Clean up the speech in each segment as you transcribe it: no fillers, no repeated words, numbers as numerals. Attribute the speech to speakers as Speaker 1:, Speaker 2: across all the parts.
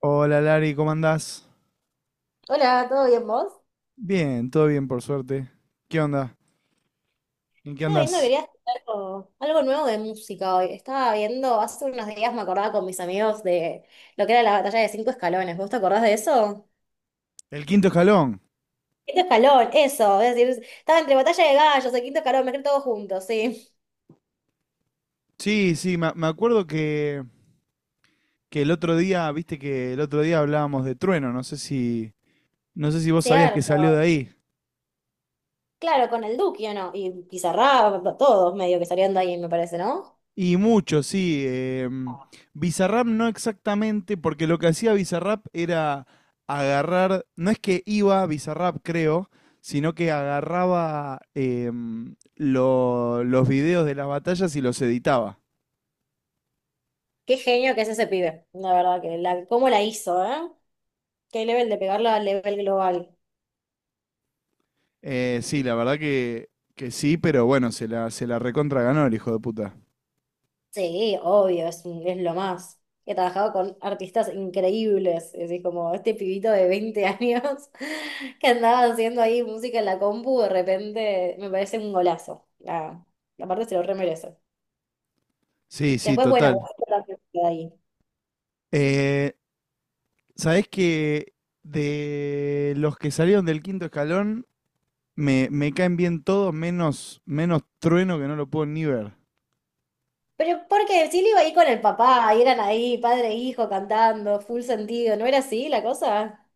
Speaker 1: Hola Lari, ¿cómo andás?
Speaker 2: Hola, ¿todo bien vos?
Speaker 1: Bien, todo bien por suerte. ¿Qué onda? ¿En qué
Speaker 2: Estaba viendo,
Speaker 1: andás?
Speaker 2: quería hacer algo nuevo de música hoy. Estaba viendo, hace unos días me acordaba con mis amigos de lo que era la batalla de cinco escalones. ¿Vos te acordás de eso?
Speaker 1: El quinto escalón.
Speaker 2: Quinto escalón, eso. Es decir, estaba entre batalla de gallos, el quinto escalón, me quedé todos juntos, sí.
Speaker 1: Sí, sí, me acuerdo que el otro día, viste que el otro día hablábamos de Trueno, no sé si vos sabías que
Speaker 2: Cierto.
Speaker 1: salió de ahí.
Speaker 2: Claro, con el Duque, ¿o no? Y Pizarra, todos medio que salieron de ahí, me parece, ¿no?
Speaker 1: Y mucho, sí. Bizarrap no exactamente, porque lo que hacía Bizarrap era agarrar, no es que iba a Bizarrap, creo, sino que agarraba los videos de las batallas y los editaba.
Speaker 2: Qué genio que es ese pibe. La verdad que cómo la hizo, ¿eh? Qué nivel de pegarla al nivel global.
Speaker 1: Sí, la verdad que sí, pero bueno, se la recontra ganó el hijo de puta.
Speaker 2: Sí, obvio, es lo más. He trabajado con artistas increíbles, es decir, como este pibito de 20 años que andaba haciendo ahí música en la compu, de repente me parece un golazo. La parte se lo re merece.
Speaker 1: Sí, sí,
Speaker 2: Después, bueno,
Speaker 1: total.
Speaker 2: otra que queda ahí.
Speaker 1: Eh, ¿Sabés que de los que salieron del quinto escalón, me caen bien todos, menos Trueno que no lo puedo ni ver?
Speaker 2: Pero porque sí le iba ahí con el papá, y eran ahí, padre e hijo cantando, full sentido, ¿no era así la cosa?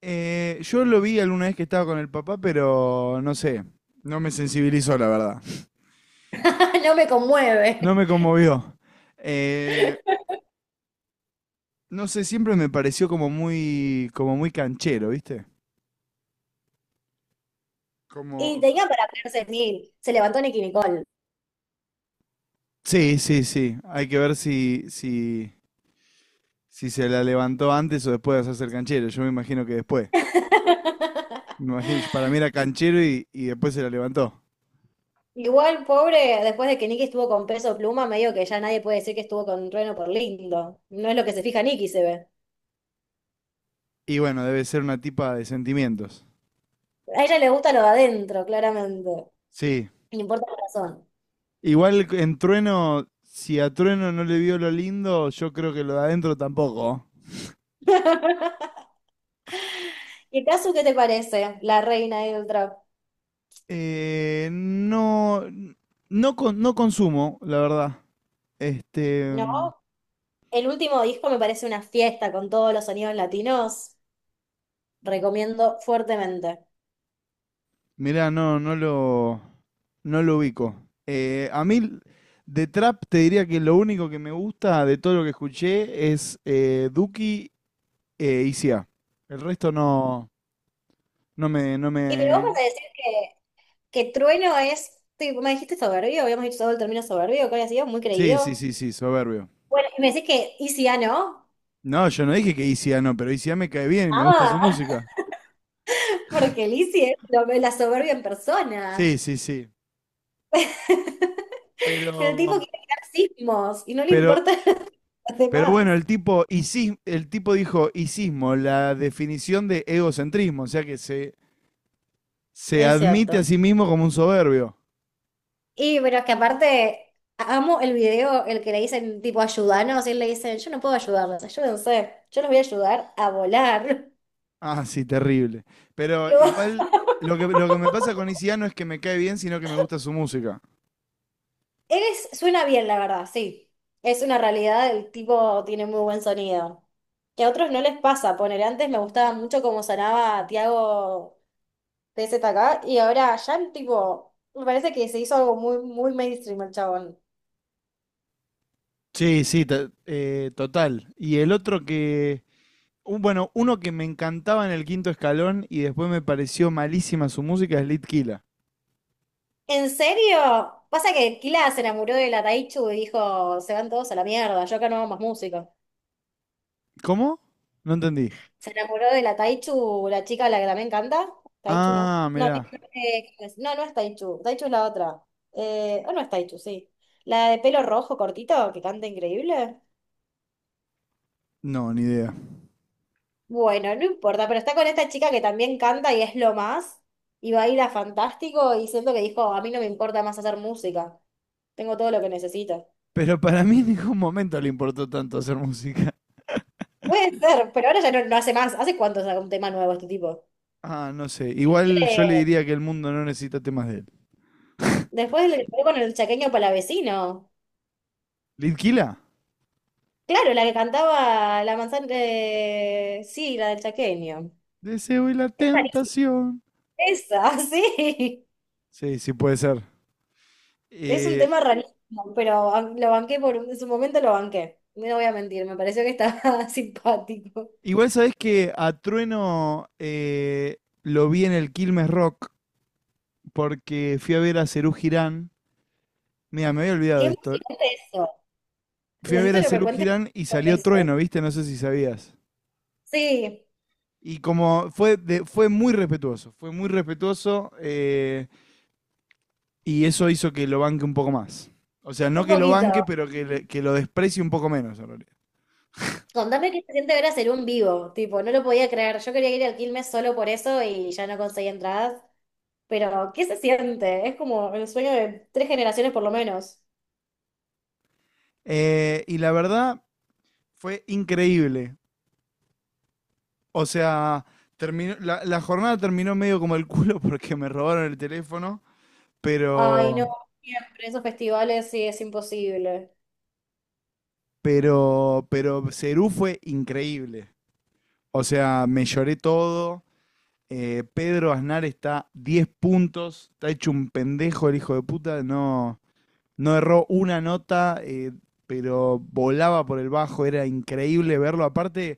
Speaker 1: Yo lo vi alguna vez que estaba con el papá, pero no sé, no me sensibilizó, la verdad.
Speaker 2: No me
Speaker 1: No
Speaker 2: conmueve.
Speaker 1: me conmovió. Eh, no sé, siempre me pareció como muy canchero, ¿viste? Como,
Speaker 2: Y tenía para ponerse mil, se levantó Nicki Nicole.
Speaker 1: Sí, sí, sí. Hay que ver si se la levantó antes o después de hacerse el canchero. Yo me imagino que después. Me imagino, para mí era canchero y después se la levantó.
Speaker 2: Igual, pobre, después de que Nicky estuvo con Peso Pluma, medio que ya nadie puede decir que estuvo con Trueno por lindo. No es lo que se fija Nicky, se ve.
Speaker 1: Y bueno, debe ser una tipa de sentimientos.
Speaker 2: A ella le gusta lo de adentro, claramente.
Speaker 1: Sí.
Speaker 2: No importa la razón.
Speaker 1: Igual en Trueno, si a Trueno no le vio lo lindo, yo creo que lo de adentro tampoco.
Speaker 2: ¿Y Casu qué te parece? La reina ahí del trap.
Speaker 1: No, no, no consumo, la verdad. Este,
Speaker 2: ¿No? El último disco me parece una fiesta con todos los sonidos latinos. Recomiendo fuertemente.
Speaker 1: Mirá, no, no lo ubico. A mí, de trap, te diría que lo único que me gusta de todo lo que escuché es Duki y ICA. El resto no, no me, no
Speaker 2: Y pero vos
Speaker 1: me...
Speaker 2: vas a decir que Trueno es, tipo, me dijiste soberbio, habíamos dicho todo el término soberbio, ¿cuál ha sido? Muy
Speaker 1: Sí, sí,
Speaker 2: creído.
Speaker 1: sí, sí, soberbio.
Speaker 2: Bueno, y me decís que Easy A no.
Speaker 1: No, yo no dije que Isia no, pero Isia me cae bien y me gusta su
Speaker 2: Ah,
Speaker 1: música.
Speaker 2: porque Lizzie es la soberbia en
Speaker 1: Sí,
Speaker 2: persona.
Speaker 1: sí, sí. Pero,
Speaker 2: El tipo quiere crear sismos y no le
Speaker 1: pero,
Speaker 2: importa a los
Speaker 1: pero bueno,
Speaker 2: demás.
Speaker 1: el tipo dijo isismo, la definición de egocentrismo, o sea que se
Speaker 2: Es
Speaker 1: admite a
Speaker 2: cierto.
Speaker 1: sí mismo como un soberbio.
Speaker 2: Y pero es que aparte, amo el video, el que le dicen tipo ayúdanos, y él le dice, yo no puedo ayudarlos, ayúdense, yo los voy a ayudar a volar.
Speaker 1: Ah, sí, terrible. Pero
Speaker 2: Lo-
Speaker 1: igual lo que me pasa con Isiano es que me cae bien, sino que me gusta su música.
Speaker 2: suena bien, la verdad, sí. Es una realidad, el tipo tiene muy buen sonido. Que a otros no les pasa, poner antes me gustaba mucho cómo sonaba Tiago TZK y ahora ya el tipo, me parece que se hizo algo muy, muy mainstream el chabón.
Speaker 1: Sí, sí, total. Y el otro que, bueno, uno que me encantaba en el quinto escalón y después me pareció malísima su música es Litkila.
Speaker 2: ¿En serio? Pasa que Kila se enamoró de la Taichu y dijo, se van todos a la mierda, yo acá no hago más música.
Speaker 1: ¿Cómo? No entendí.
Speaker 2: Se enamoró de la Taichu, la chica a la que también canta. Taichu, ¿no?
Speaker 1: Ah,
Speaker 2: No,
Speaker 1: mirá.
Speaker 2: Taichu, no, no es Taichu. Taichu es la otra. O no es Taichu, sí. La de pelo rojo cortito, que canta increíble.
Speaker 1: No, ni idea.
Speaker 2: Bueno, no importa, pero está con esta chica que también canta y es lo más. Y va a ir a Fantástico y siento que dijo, a mí no me importa más hacer música. Tengo todo lo que necesito.
Speaker 1: Pero para mí en ningún momento le importó tanto hacer música.
Speaker 2: Puede ser, pero ahora ya no, no hace más. ¿Hace cuánto saca un tema nuevo este tipo?
Speaker 1: Ah, no sé. Igual yo le
Speaker 2: Eh,
Speaker 1: diría que el mundo no necesita temas de él.
Speaker 2: Después le pegó con el chaqueño palavecino.
Speaker 1: ¿Litkila?
Speaker 2: Claro, la que cantaba la manzana, sí, la del chaqueño.
Speaker 1: Deseo y la
Speaker 2: Es rarísima.
Speaker 1: tentación.
Speaker 2: Esa, sí.
Speaker 1: Sí, sí puede ser.
Speaker 2: Es un
Speaker 1: Eh,
Speaker 2: tema rarísimo, pero lo banqué en su momento lo banqué. No voy a mentir, me pareció que estaba simpático.
Speaker 1: Igual sabés que a Trueno lo vi en el Quilmes Rock porque fui a ver a Serú Girán. Mira, me había olvidado
Speaker 2: Qué
Speaker 1: de esto.
Speaker 2: emocionante eso.
Speaker 1: Fui a ver
Speaker 2: Necesito
Speaker 1: a
Speaker 2: que me
Speaker 1: Serú
Speaker 2: cuentes
Speaker 1: Girán y
Speaker 2: todo
Speaker 1: salió
Speaker 2: eso.
Speaker 1: Trueno, ¿viste? No sé si sabías.
Speaker 2: Sí,
Speaker 1: Y como fue, fue muy respetuoso y eso hizo que lo banque un poco más. O sea, no
Speaker 2: un
Speaker 1: que lo banque,
Speaker 2: poquito.
Speaker 1: pero que lo desprecie un poco menos en realidad.
Speaker 2: Contame qué se siente ver hacer un vivo. Tipo, no lo podía creer. Yo quería ir al Quilmes solo por eso y ya no conseguí entradas. Pero, ¿qué se siente? Es como el sueño de tres generaciones por lo menos.
Speaker 1: Y la verdad fue increíble. O sea, terminó, la jornada terminó medio como el culo porque me robaron el teléfono,
Speaker 2: Ay,
Speaker 1: pero,
Speaker 2: no, siempre esos festivales sí es imposible.
Speaker 1: pero Serú fue increíble. O sea, me lloré todo. Pedro Aznar está 10 puntos, está hecho un pendejo el hijo de puta, no erró una nota, pero volaba por el bajo, era increíble verlo. Aparte,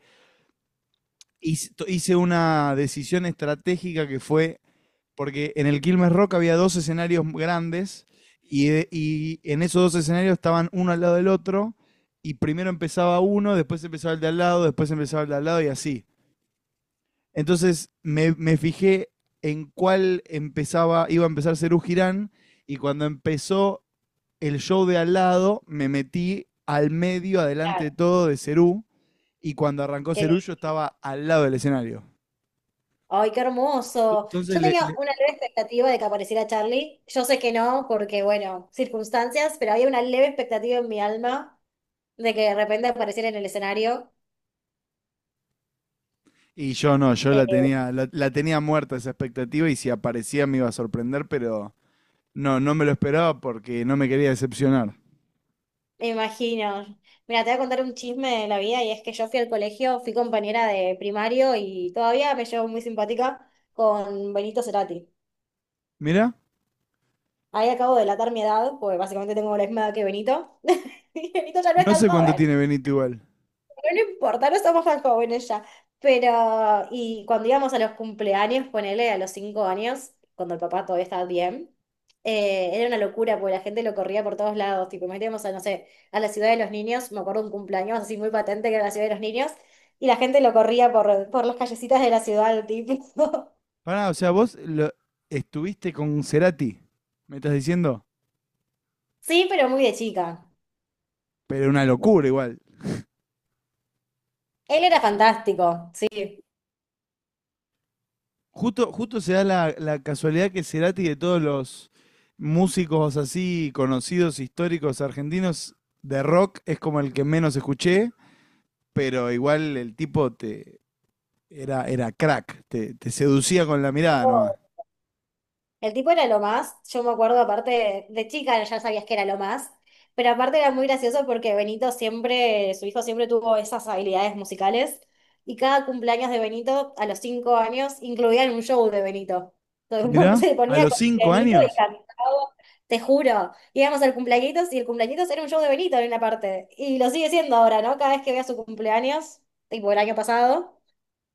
Speaker 1: hice una decisión estratégica que fue porque en el Quilmes Rock había dos escenarios grandes y en esos dos escenarios estaban uno al lado del otro y primero empezaba uno, después empezaba el de al lado, después empezaba el de al lado y así. Entonces me fijé en cuál empezaba, iba a empezar Serú Girán y cuando empezó el show de al lado me metí al medio, adelante de
Speaker 2: Claro,
Speaker 1: todo, de Serú y cuando arrancó
Speaker 2: qué
Speaker 1: Serú yo
Speaker 2: lindo.
Speaker 1: estaba al lado del escenario.
Speaker 2: Ay, qué hermoso.
Speaker 1: Entonces
Speaker 2: Yo
Speaker 1: le,
Speaker 2: tenía
Speaker 1: le
Speaker 2: una leve expectativa de que apareciera Charlie. Yo sé que no, porque, bueno, circunstancias, pero había una leve expectativa en mi alma de que de repente apareciera en el escenario.
Speaker 1: Y yo no, yo la
Speaker 2: Eh,
Speaker 1: tenía, la tenía muerta esa expectativa y si aparecía me iba a sorprender, pero no me lo esperaba porque no me quería decepcionar.
Speaker 2: me imagino. Mira, te voy a contar un chisme de la vida y es que yo fui al colegio, fui compañera de primario y todavía me llevo muy simpática con Benito Cerati.
Speaker 1: Mirá,
Speaker 2: Ahí acabo de delatar mi edad, porque básicamente tengo la misma edad que Benito. Y Benito ya no es
Speaker 1: no
Speaker 2: tan
Speaker 1: sé cuánto
Speaker 2: joven.
Speaker 1: tiene Benito igual.
Speaker 2: Pero no importa, no somos tan jóvenes ya. Pero, y cuando íbamos a los cumpleaños, ponele a los 5 años, cuando el papá todavía estaba bien, era una locura, porque la gente lo corría por todos lados. Tipo, nos metíamos a, no sé, a la ciudad de los niños, me acuerdo un cumpleaños así muy patente que era la ciudad de los niños, y la gente lo corría por las callecitas de la ciudad, tipo.
Speaker 1: Pará, o sea, estuviste con Cerati, me estás diciendo,
Speaker 2: Sí, pero muy de chica.
Speaker 1: pero una locura igual.
Speaker 2: Él era fantástico, sí.
Speaker 1: Justo, justo se da la casualidad que Cerati de todos los músicos así conocidos, históricos, argentinos de rock, es como el que menos escuché, pero igual el tipo te. Era crack, te seducía con la mirada nomás.
Speaker 2: El tipo era lo más, yo me acuerdo aparte de chica, ya sabías que era lo más, pero aparte era muy gracioso porque Benito siempre, su hijo siempre tuvo esas habilidades musicales y cada cumpleaños de Benito a los 5 años incluían un show de Benito. Entonces,
Speaker 1: Mirá,
Speaker 2: se
Speaker 1: a
Speaker 2: ponía
Speaker 1: los
Speaker 2: con
Speaker 1: cinco
Speaker 2: Benito y
Speaker 1: años,
Speaker 2: cantaba, te juro, íbamos al cumpleañitos y el cumpleañitos era un show de Benito en una parte y lo sigue siendo ahora, ¿no? Cada vez que vea su cumpleaños, tipo el año pasado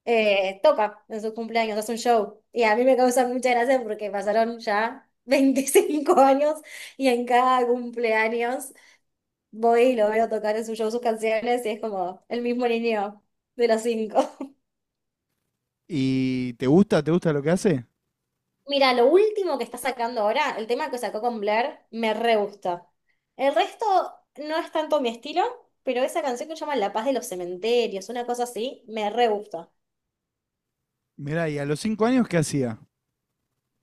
Speaker 2: toca en sus cumpleaños, hace un show. Y a mí me causa mucha gracia porque pasaron ya 25 años y en cada cumpleaños voy y lo veo tocar en su show sus canciones y es como el mismo niño de los cinco.
Speaker 1: ¿y te gusta lo que hace?
Speaker 2: Mira, lo último que está sacando ahora, el tema que sacó con Blair, me re gusta. El resto no es tanto mi estilo, pero esa canción que se llama La Paz de los Cementerios, una cosa así, me re gusta.
Speaker 1: Mirá, ¿y a los 5 años qué hacía?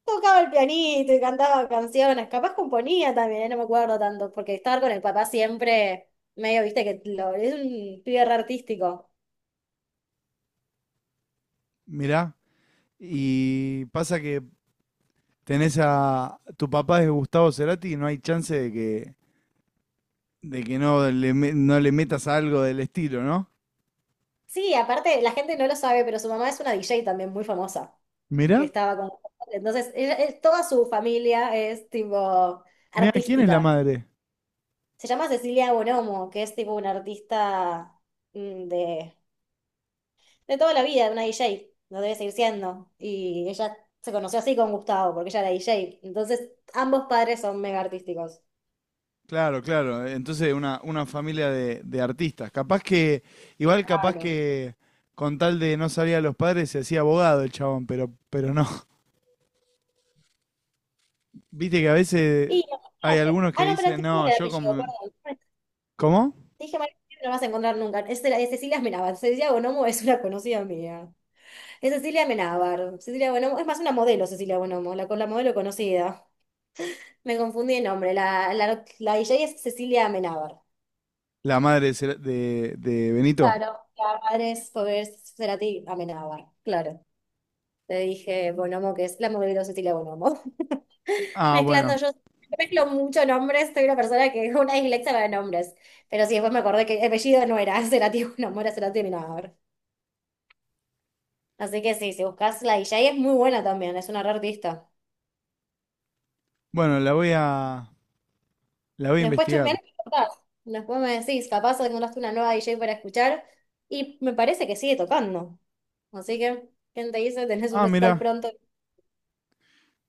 Speaker 2: Tocaba el pianito y cantaba canciones, capaz componía también, no me acuerdo tanto, porque estar con el papá siempre, medio, viste, es un pibe re artístico.
Speaker 1: Mirá, y pasa que tenés a tu papá es Gustavo Cerati y no hay chance de que no le metas algo del estilo, ¿no?
Speaker 2: Sí, aparte, la gente no lo sabe, pero su mamá es una DJ también muy famosa, que
Speaker 1: Mirá,
Speaker 2: estaba con... Entonces, toda su familia es tipo
Speaker 1: mirá, ¿quién es la
Speaker 2: artística.
Speaker 1: madre?
Speaker 2: Se llama Cecilia Bonomo, que es tipo una artista mm, de de toda la vida, de una D J no debe seguir siendo. Y ella se conoció así con Gustavo, porque ella era D J. Entonces, ambos padres son mega artísticos.
Speaker 1: Claro, claro. Entonces una familia de artistas. Igual capaz
Speaker 2: Claro.
Speaker 1: que con tal de no salir a los padres se hacía abogado el chabón, pero no. Viste que a veces
Speaker 2: Y
Speaker 1: hay
Speaker 2: imagínate.
Speaker 1: algunos que
Speaker 2: Ah, no, pero te
Speaker 1: dicen,
Speaker 2: dije mal
Speaker 1: no,
Speaker 2: el
Speaker 1: yo
Speaker 2: apellido,
Speaker 1: como...
Speaker 2: perdón.
Speaker 1: ¿Cómo?
Speaker 2: Te dije mal el apellido, no lo vas a encontrar nunca. Es, es Cecilia Amenábar. Cecilia Bonomo es una conocida mía. Es Cecilia Amenábar. Cecilia Bonomo, es más una modelo, Cecilia Bonomo, con la modelo conocida. Me confundí el nombre. La DJ es Cecilia Amenábar.
Speaker 1: La madre de Benito.
Speaker 2: Claro, la madre es Foguer Cerati Amenábar, claro. Le dije Bonomo, que es la amor Cecilia Bonomo.
Speaker 1: Ah,
Speaker 2: Mezclando
Speaker 1: bueno.
Speaker 2: yo mezclo mucho nombres, soy una persona que es una dislexia para nombres. Pero sí, después me acordé que el apellido no era Cerati Bonomo, era Cerati Minador. Así que sí, si buscas la DJ es muy buena también, es una re artista.
Speaker 1: Bueno, la voy a
Speaker 2: Después
Speaker 1: investigar.
Speaker 2: chusmeás, y tocás. Después me decís, capaz encontraste una nueva DJ para escuchar. Y me parece que sigue tocando. Así que, ¿quién te dice? Tenés un
Speaker 1: Ah,
Speaker 2: recital
Speaker 1: mira,
Speaker 2: pronto.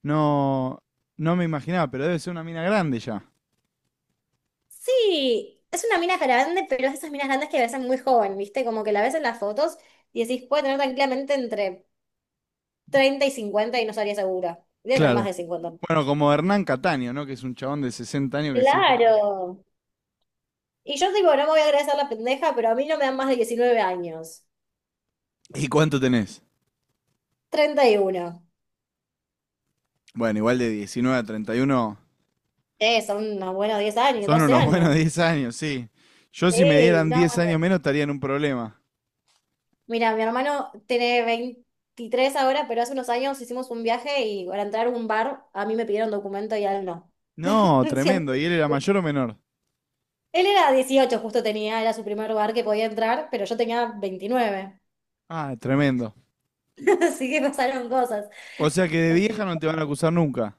Speaker 1: no, no me imaginaba, pero debe ser una mina grande ya.
Speaker 2: Sí, es una mina grande, pero es de esas minas grandes que ves muy joven, ¿viste? Como que la ves en las fotos y decís, puede tener tranquilamente entre 30 y 50 y no estaría segura. Debe tener más
Speaker 1: Claro.
Speaker 2: de 50.
Speaker 1: Bueno, como Hernán Cataño, ¿no? Que es un chabón de 60 años que sigue tocando.
Speaker 2: Claro. Y yo digo, no me voy a agradecer la pendeja, pero a mí no me dan más de 19 años.
Speaker 1: ¿Y cuánto tenés?
Speaker 2: 31.
Speaker 1: Bueno, igual de 19 a 31
Speaker 2: Son unos buenos 10 años,
Speaker 1: son
Speaker 2: 12
Speaker 1: unos buenos
Speaker 2: años.
Speaker 1: 10 años, sí. Yo si me
Speaker 2: Sí,
Speaker 1: dieran
Speaker 2: no.
Speaker 1: 10 años menos estaría en un problema.
Speaker 2: Mira, mi hermano tiene 23 ahora, pero hace unos años hicimos un viaje y para entrar a un bar a mí me pidieron documento y a él no.
Speaker 1: No, tremendo.
Speaker 2: Siempre.
Speaker 1: ¿Y él era mayor o menor?
Speaker 2: Él era 18, justo tenía, era su primer bar que podía entrar, pero yo tenía 29,
Speaker 1: Ah, tremendo.
Speaker 2: así que pasaron cosas.
Speaker 1: O sea que de
Speaker 2: Así
Speaker 1: vieja no
Speaker 2: que,
Speaker 1: te van a acusar nunca.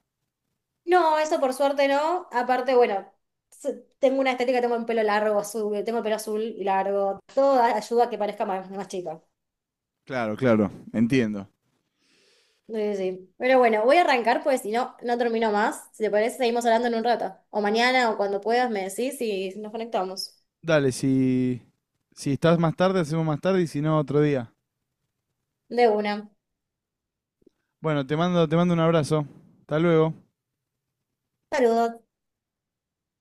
Speaker 2: no, eso por suerte no. Aparte, bueno, tengo una estética, tengo el pelo largo, azul, tengo el pelo azul y largo. Todo ayuda a que parezca más, más chica.
Speaker 1: Claro, claro, entiendo.
Speaker 2: Sí, sí. Pero bueno, voy a arrancar porque si no, no termino más. Si te parece, seguimos hablando en un rato. O mañana o cuando puedas me decís y nos conectamos.
Speaker 1: Dale, si estás más tarde, hacemos más tarde y si no, otro día.
Speaker 2: De una.
Speaker 1: Bueno, te mando un abrazo. Hasta luego.
Speaker 2: Saludos.